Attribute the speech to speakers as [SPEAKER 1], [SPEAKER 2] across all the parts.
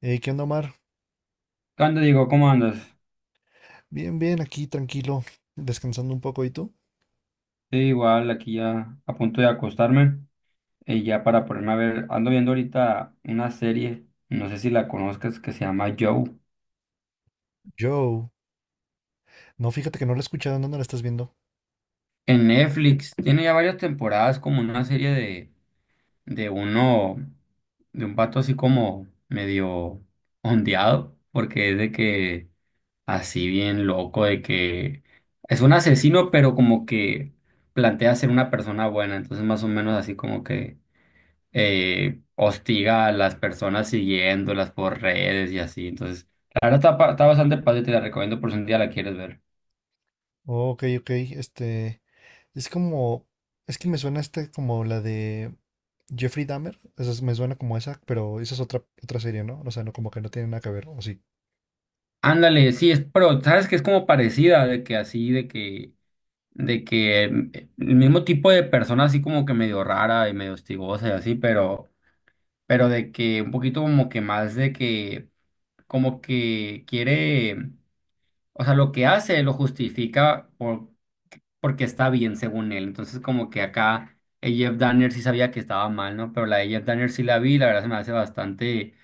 [SPEAKER 1] Hey, ¿qué onda, Omar?
[SPEAKER 2] ¿Qué onda, Diego? ¿Cómo andas?
[SPEAKER 1] Bien, bien, aquí tranquilo, descansando un poco. ¿Y tú?
[SPEAKER 2] Sí, igual aquí ya a punto de acostarme y ya para ponerme a ver, ando viendo ahorita una serie, no sé si la conozcas, que se llama Joe.
[SPEAKER 1] Joe. No, fíjate que no la he escuchado. ¿En dónde la estás viendo?
[SPEAKER 2] En Netflix, tiene ya varias temporadas como una serie de uno, de un pato así como medio ondeado, porque es de que así bien loco, de que es un asesino, pero como que plantea ser una persona buena, entonces más o menos así como que... hostiga a las personas siguiéndolas por redes y así. Entonces, la verdad está bastante padre, te la recomiendo por si un día la quieres ver.
[SPEAKER 1] Oh, ok, ok. Este. Es como. Es que me suena como la de Jeffrey Dahmer. Me suena como esa, pero esa es otra serie, ¿no? O sea, no, como que no tiene nada que ver, ¿o sí?
[SPEAKER 2] Ándale, sí, es, pero sabes que es como parecida, de que así, de que em, el mismo tipo de persona así como que medio rara y medio hostigosa y así, pero de que un poquito como que más de que, como que quiere. O sea, lo que hace lo justifica porque está bien, según él. Entonces, como que acá el Jeff Danner sí sabía que estaba mal, ¿no? Pero la de Jeff Danner sí la vi, la verdad se me hace bastante,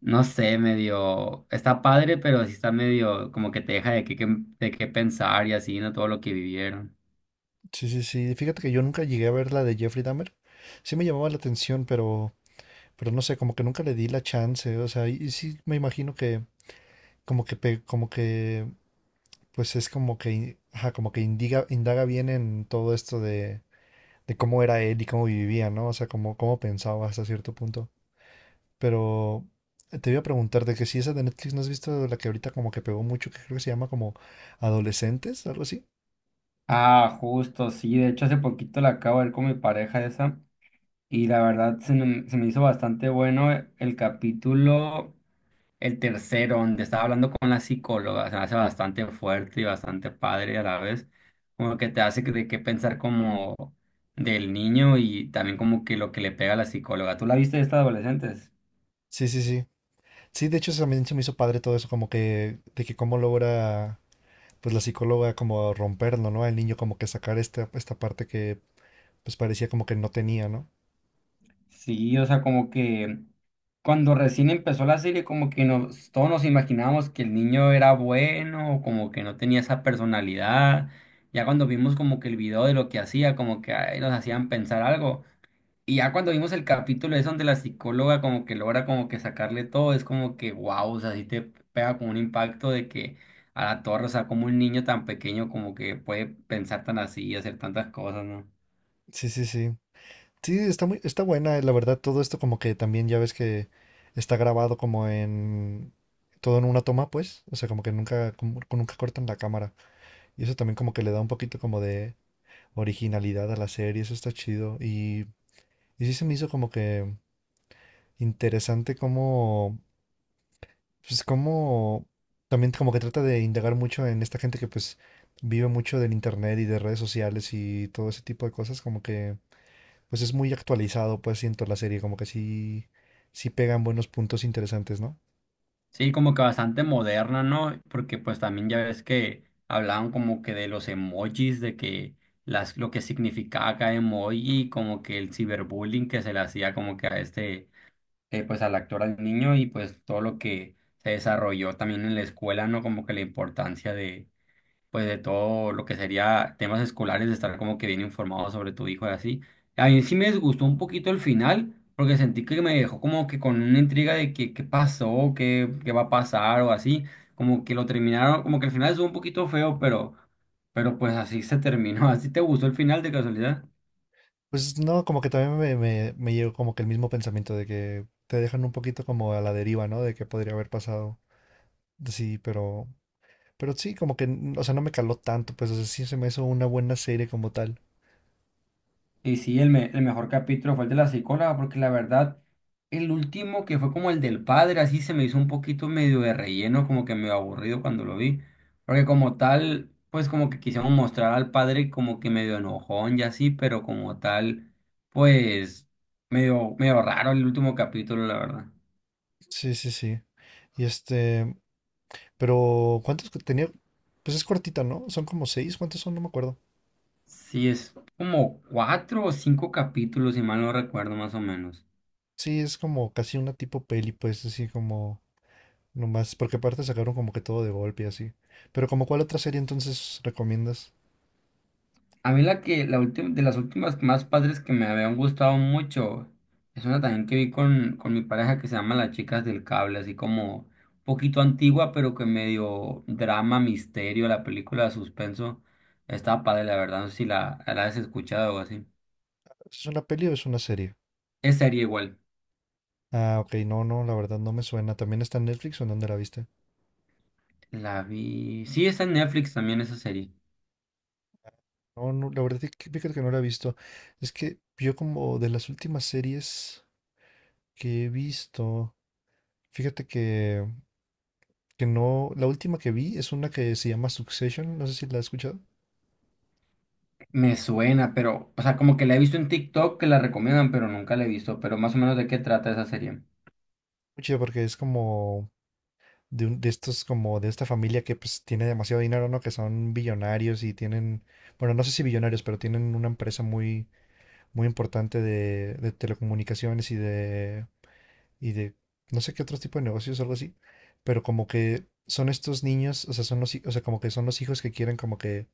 [SPEAKER 2] no sé, medio, está padre, pero sí está medio como que te deja de qué pensar y así, ¿no? Todo lo que vivieron.
[SPEAKER 1] Sí, sí, sí. Fíjate que yo nunca llegué a ver la de Jeffrey Dahmer. Sí me llamaba la atención, pero no sé, como que nunca le di la chance. O sea, y sí me imagino que, como que, como que pues es como que, ajá, como que indaga bien en todo esto de, cómo era él y cómo vivía, ¿no? O sea, cómo pensaba hasta cierto punto. Pero te iba a preguntar de que si esa de Netflix no has visto la que ahorita como que pegó mucho, que creo que se llama como Adolescentes, algo así.
[SPEAKER 2] Ah, justo, sí. De hecho, hace poquito la acabo de ver con mi pareja esa. Y la verdad se me hizo bastante bueno el capítulo. El tercero, donde estaba hablando con la psicóloga, se me hace bastante fuerte y bastante padre a la vez, como que te de qué pensar como del niño y también como que lo que le pega a la psicóloga. ¿Tú la viste de estas adolescentes?
[SPEAKER 1] Sí, sí, sí. Sí, de hecho eso también se me hizo padre todo eso, como que, de que cómo logra, pues la psicóloga como romperlo, ¿no? El niño como que sacar esta parte que pues parecía como que no tenía, ¿no?
[SPEAKER 2] Sí, o sea, como que cuando recién empezó la serie, como que nos, todos nos imaginábamos que el niño era bueno, como que no tenía esa personalidad. Ya cuando vimos como que el video de lo que hacía, como que ay, nos hacían pensar algo. Y ya cuando vimos el capítulo es donde la psicóloga como que logra como que sacarle todo, es como que wow, o sea, sí te pega con un impacto de que a la torre, o sea, como un niño tan pequeño como que puede pensar tan así y hacer tantas cosas, ¿no?
[SPEAKER 1] Sí, sí, sí. Sí, está buena, la verdad, todo esto como que también ya ves que está grabado como en todo en una toma, pues, o sea, como que nunca, nunca cortan la cámara. Y eso también como que le da un poquito como de originalidad a la serie, eso está chido. Y sí se me hizo como que interesante como, pues como, también como que trata de indagar mucho en esta gente que pues vive mucho del internet y de redes sociales y todo ese tipo de cosas, como que pues es muy actualizado, pues siento la serie, como que sí, sí pegan buenos puntos interesantes, ¿no?
[SPEAKER 2] Sí, como que bastante moderna, ¿no? Porque pues también ya ves que hablaban como que de los emojis, de que las, lo que significaba cada emoji, como que el ciberbullying que se le hacía como que a este pues al actor, al niño y pues todo lo que se desarrolló también en la escuela, ¿no? Como que la importancia de, pues de todo lo que sería temas escolares, de estar como que bien informado sobre tu hijo y así. A mí sí me disgustó un poquito el final, porque sentí que me dejó como que con una intriga de que, qué pasó, qué, qué va a pasar o así, como que lo terminaron, como que el final estuvo un poquito feo, pero pues así se terminó. ¿Así te gustó el final de casualidad?
[SPEAKER 1] Pues no, como que también me llegó como que el mismo pensamiento de que te dejan un poquito como a la deriva, ¿no? De qué podría haber pasado. Sí, pero sí, como que, o sea, no me caló tanto, pues o sea, sí se me hizo una buena serie como tal.
[SPEAKER 2] Y sí, el mejor capítulo fue el de la psicóloga, porque la verdad, el último que fue como el del padre, así se me hizo un poquito medio de relleno, como que medio aburrido cuando lo vi. Porque como tal, pues como que quisieron mostrar al padre como que medio enojón y así, pero como tal, pues medio, medio raro el último capítulo, la verdad.
[SPEAKER 1] Sí, sí, sí. Y pero ¿cuántos que tenía? Pues es cortita, ¿no? Son como seis, ¿cuántos son? No me acuerdo.
[SPEAKER 2] Sí, es como cuatro o cinco capítulos, si mal no recuerdo, más o menos.
[SPEAKER 1] Sí, es como casi una tipo peli, pues así como nomás, porque aparte sacaron como que todo de golpe y así. ¿Pero como cuál otra serie entonces recomiendas?
[SPEAKER 2] A mí la que, la última, de las últimas más padres que me habían gustado mucho, es una también que vi con mi pareja que se llama Las Chicas del Cable, así como un poquito antigua, pero que medio drama, misterio, la película de suspenso. Estaba padre, la verdad, no sé si la has escuchado o así.
[SPEAKER 1] ¿Es una peli o es una serie?
[SPEAKER 2] Es serie igual.
[SPEAKER 1] Ah, ok, no, no, la verdad no me suena. ¿También está en Netflix o en dónde la viste?
[SPEAKER 2] La vi. Sí, está en Netflix también esa serie.
[SPEAKER 1] No, no, la verdad es que fíjate que no la he visto. Es que yo como de las últimas series que he visto, fíjate que, no, la última que vi es una que se llama Succession, no sé si la has escuchado.
[SPEAKER 2] Me suena, pero, o sea, como que la he visto en TikTok que la recomiendan, pero nunca la he visto. Pero más o menos de qué trata esa serie.
[SPEAKER 1] Mucho porque es como de estos como de esta familia que pues tiene demasiado dinero, ¿no? Que son billonarios y tienen, bueno, no sé si billonarios, pero tienen una empresa muy, muy importante de, telecomunicaciones y de, no sé qué otro tipo de negocios, algo así, pero como que son estos niños, o sea, son o sea, como que son los hijos que quieren como que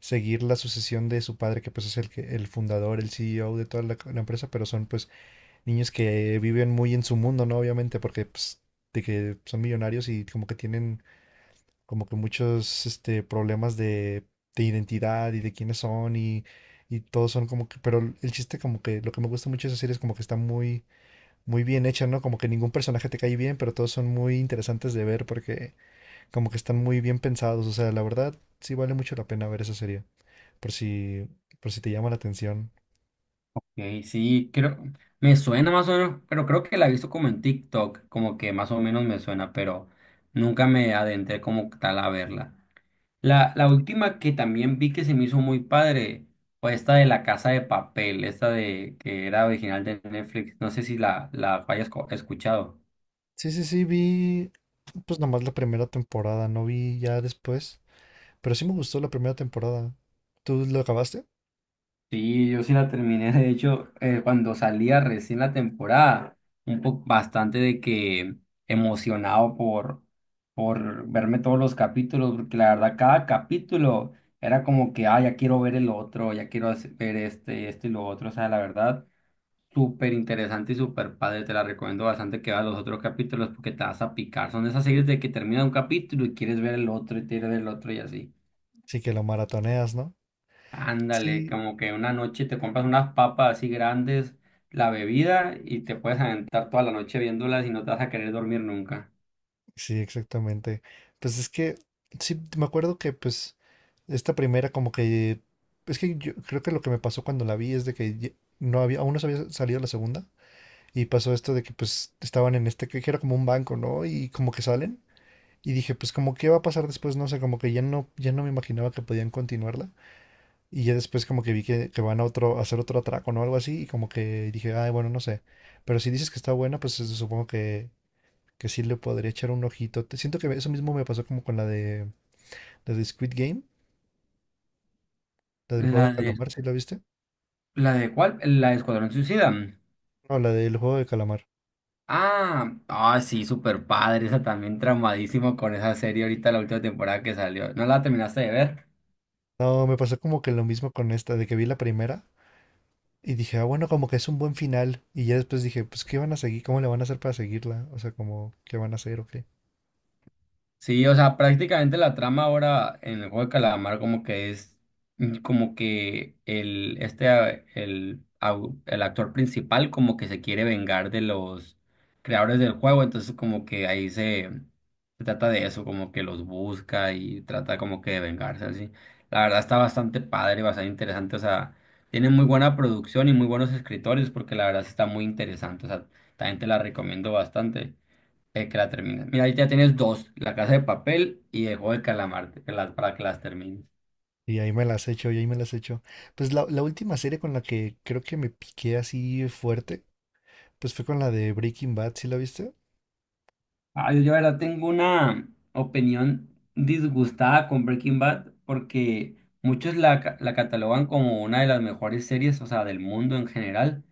[SPEAKER 1] seguir la sucesión de su padre, que pues es el fundador, el CEO de toda la empresa, pero son pues niños que viven muy en su mundo, ¿no? Obviamente, porque pues de que son millonarios y como que tienen como que muchos problemas de identidad y de quiénes son y todos son como que, pero el chiste como que lo que me gusta mucho de esa serie es como que está muy, muy bien hecha, ¿no? Como que ningún personaje te cae bien, pero todos son muy interesantes de ver porque como que están muy bien pensados, o sea, la verdad sí vale mucho la pena ver esa serie, por si, por si te llama la atención.
[SPEAKER 2] Ok, sí, creo, me suena más o menos, pero creo que la he visto como en TikTok, como que más o menos me suena, pero nunca me adentré como tal a verla. La última que también vi que se me hizo muy padre fue esta de La Casa de Papel, esta de que era original de Netflix, no sé si la hayas escuchado.
[SPEAKER 1] Sí, sí, sí, vi pues nomás la primera temporada, no vi ya después, pero sí me gustó la primera temporada. ¿Tú lo acabaste?
[SPEAKER 2] Sí, yo sí la terminé, de hecho, cuando salía recién la temporada, un poco bastante de que emocionado por verme todos los capítulos, porque la verdad cada capítulo era como que, ah, ya quiero ver el otro, ya quiero ver este, este y lo otro, o sea, la verdad, súper interesante y súper padre, te la recomiendo bastante que veas los otros capítulos porque te vas a picar, son esas series de que termina un capítulo y quieres ver el otro y quieres ver el otro y así.
[SPEAKER 1] Sí que lo maratoneas, ¿no?
[SPEAKER 2] Ándale,
[SPEAKER 1] Sí,
[SPEAKER 2] como que una noche te compras unas papas así grandes, la bebida y te puedes aventar toda la noche viéndolas y no te vas a querer dormir nunca.
[SPEAKER 1] sí, exactamente. Pues es que, sí, me acuerdo que pues esta primera como que, es que yo creo que lo que me pasó cuando la vi es de que no había, aún no se había salido la segunda y pasó esto de que pues estaban en este, que era como un banco, ¿no? Y como que salen y dije pues como qué va a pasar después, no sé, como que ya no me imaginaba que podían continuarla y ya después como que vi que van a otro, a hacer otro atraco, ¿no? Algo así y como que dije, ay, bueno, no sé. Pero si dices que está buena, pues supongo que sí le podría echar un ojito. Siento que eso mismo me pasó como con la de Squid Game, la del juego de
[SPEAKER 2] ¿La de,
[SPEAKER 1] calamar, ¿sí la viste?
[SPEAKER 2] la de cuál? ¿La de Escuadrón Suicida?
[SPEAKER 1] No, la del juego de calamar.
[SPEAKER 2] Ah, ah, sí, súper padre, esa también traumadísimo con esa serie ahorita, la última temporada que salió. ¿No la terminaste de ver?
[SPEAKER 1] No, me pasó como que lo mismo con esta, de que vi la primera y dije, ah, bueno, como que es un buen final. Y ya después dije, pues, ¿qué van a seguir? ¿Cómo le van a hacer para seguirla? O sea, como, ¿qué van a hacer o qué?
[SPEAKER 2] Sí, o sea, prácticamente la trama ahora en el juego de calamar como que es como que el este a- el, au- el actor principal como que se quiere vengar de los creadores del juego, entonces como que ahí se, se trata de eso, como que los busca y trata como que de vengarse así. La verdad está bastante padre, bastante interesante, o sea, tiene muy buena producción y muy buenos escritores porque la verdad sí está muy interesante, o sea, también te la recomiendo bastante. El que la termina. Mira, ahí ya tienes dos, La Casa de Papel y El Juego del Calamar, que para que las termines.
[SPEAKER 1] Y ahí me las echo, y ahí me las echo. Pues la última serie con la que creo que me piqué así fuerte, pues fue con la de Breaking Bad, ¿sí la viste?
[SPEAKER 2] Ah, yo la verdad tengo una opinión disgustada con Breaking Bad porque muchos la catalogan como una de las mejores series, o sea, del mundo en general.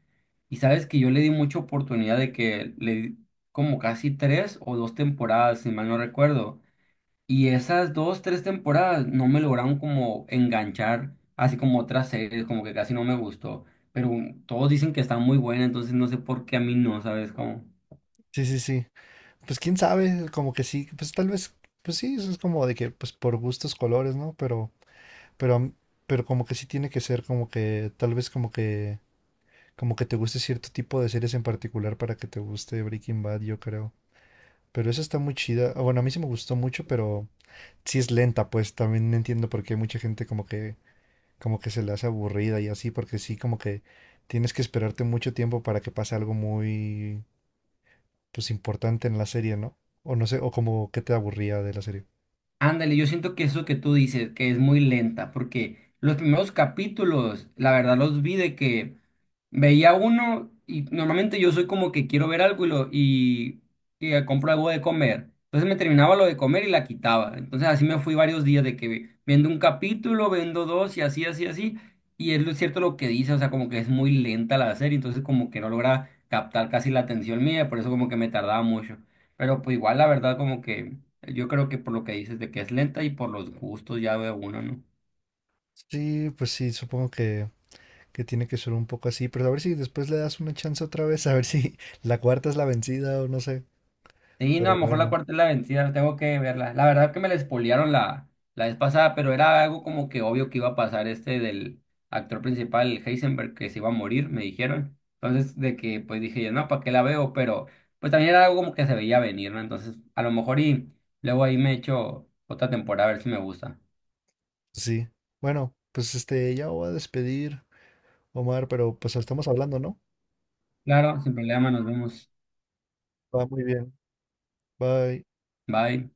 [SPEAKER 2] Y sabes que yo le di mucha oportunidad de que le di como casi tres o dos temporadas, si mal no recuerdo. Y esas dos, tres temporadas no me lograron como enganchar, así como otras series, como que casi no me gustó. Pero todos dicen que está muy buena, entonces no sé por qué a mí no, ¿sabes cómo?
[SPEAKER 1] Sí, sí, sí. Pues quién sabe, como que sí, pues tal vez, pues sí, eso es como de que, pues por gustos, colores, ¿no? Pero, a m- pero como que sí tiene que ser como que, tal vez como que te guste cierto tipo de series en particular para que te guste Breaking Bad, yo creo. Pero esa está muy chida. Ah, bueno, a mí sí me gustó mucho, pero sí es lenta, pues también entiendo por qué mucha gente como que se le hace aburrida y así, porque sí, como que tienes que esperarte mucho tiempo para que pase algo muy, pues importante en la serie, ¿no? O no sé, o como que te aburría de la serie.
[SPEAKER 2] Ándale, yo siento que eso que tú dices, que es muy lenta, porque los primeros capítulos, la verdad los vi de que veía uno y normalmente yo soy como que quiero ver algo y compro algo de comer. Entonces me terminaba lo de comer y la quitaba. Entonces así me fui varios días de que viendo un capítulo, viendo dos y así, así, así. Y es lo cierto lo que dice, o sea, como que es muy lenta la serie, entonces como que no logra captar casi la atención mía, por eso como que me tardaba mucho. Pero pues igual la verdad como que... Yo creo que por lo que dices de que es lenta y por los gustos ya veo uno, ¿no?
[SPEAKER 1] Sí, pues sí, supongo que, tiene que ser un poco así, pero a ver si después le das una chance otra vez, a ver si la cuarta es la vencida o no sé,
[SPEAKER 2] Sí, no, a
[SPEAKER 1] pero
[SPEAKER 2] lo mejor la
[SPEAKER 1] bueno,
[SPEAKER 2] cuarta es la vencida, tengo que verla. La verdad que me la spoilearon la vez pasada, pero era algo como que obvio que iba a pasar este del actor principal, el Heisenberg, que se iba a morir, me dijeron. Entonces, de que pues dije yo, no, ¿para qué la veo? Pero pues también era algo como que se veía venir, ¿no? Entonces, a lo mejor y luego ahí me echo otra temporada a ver si me gusta.
[SPEAKER 1] pues sí. Bueno, pues ya me voy a despedir, Omar, pero pues estamos hablando, ¿no?
[SPEAKER 2] Claro, sin problema, nos vemos.
[SPEAKER 1] Va muy bien, bye.
[SPEAKER 2] Bye.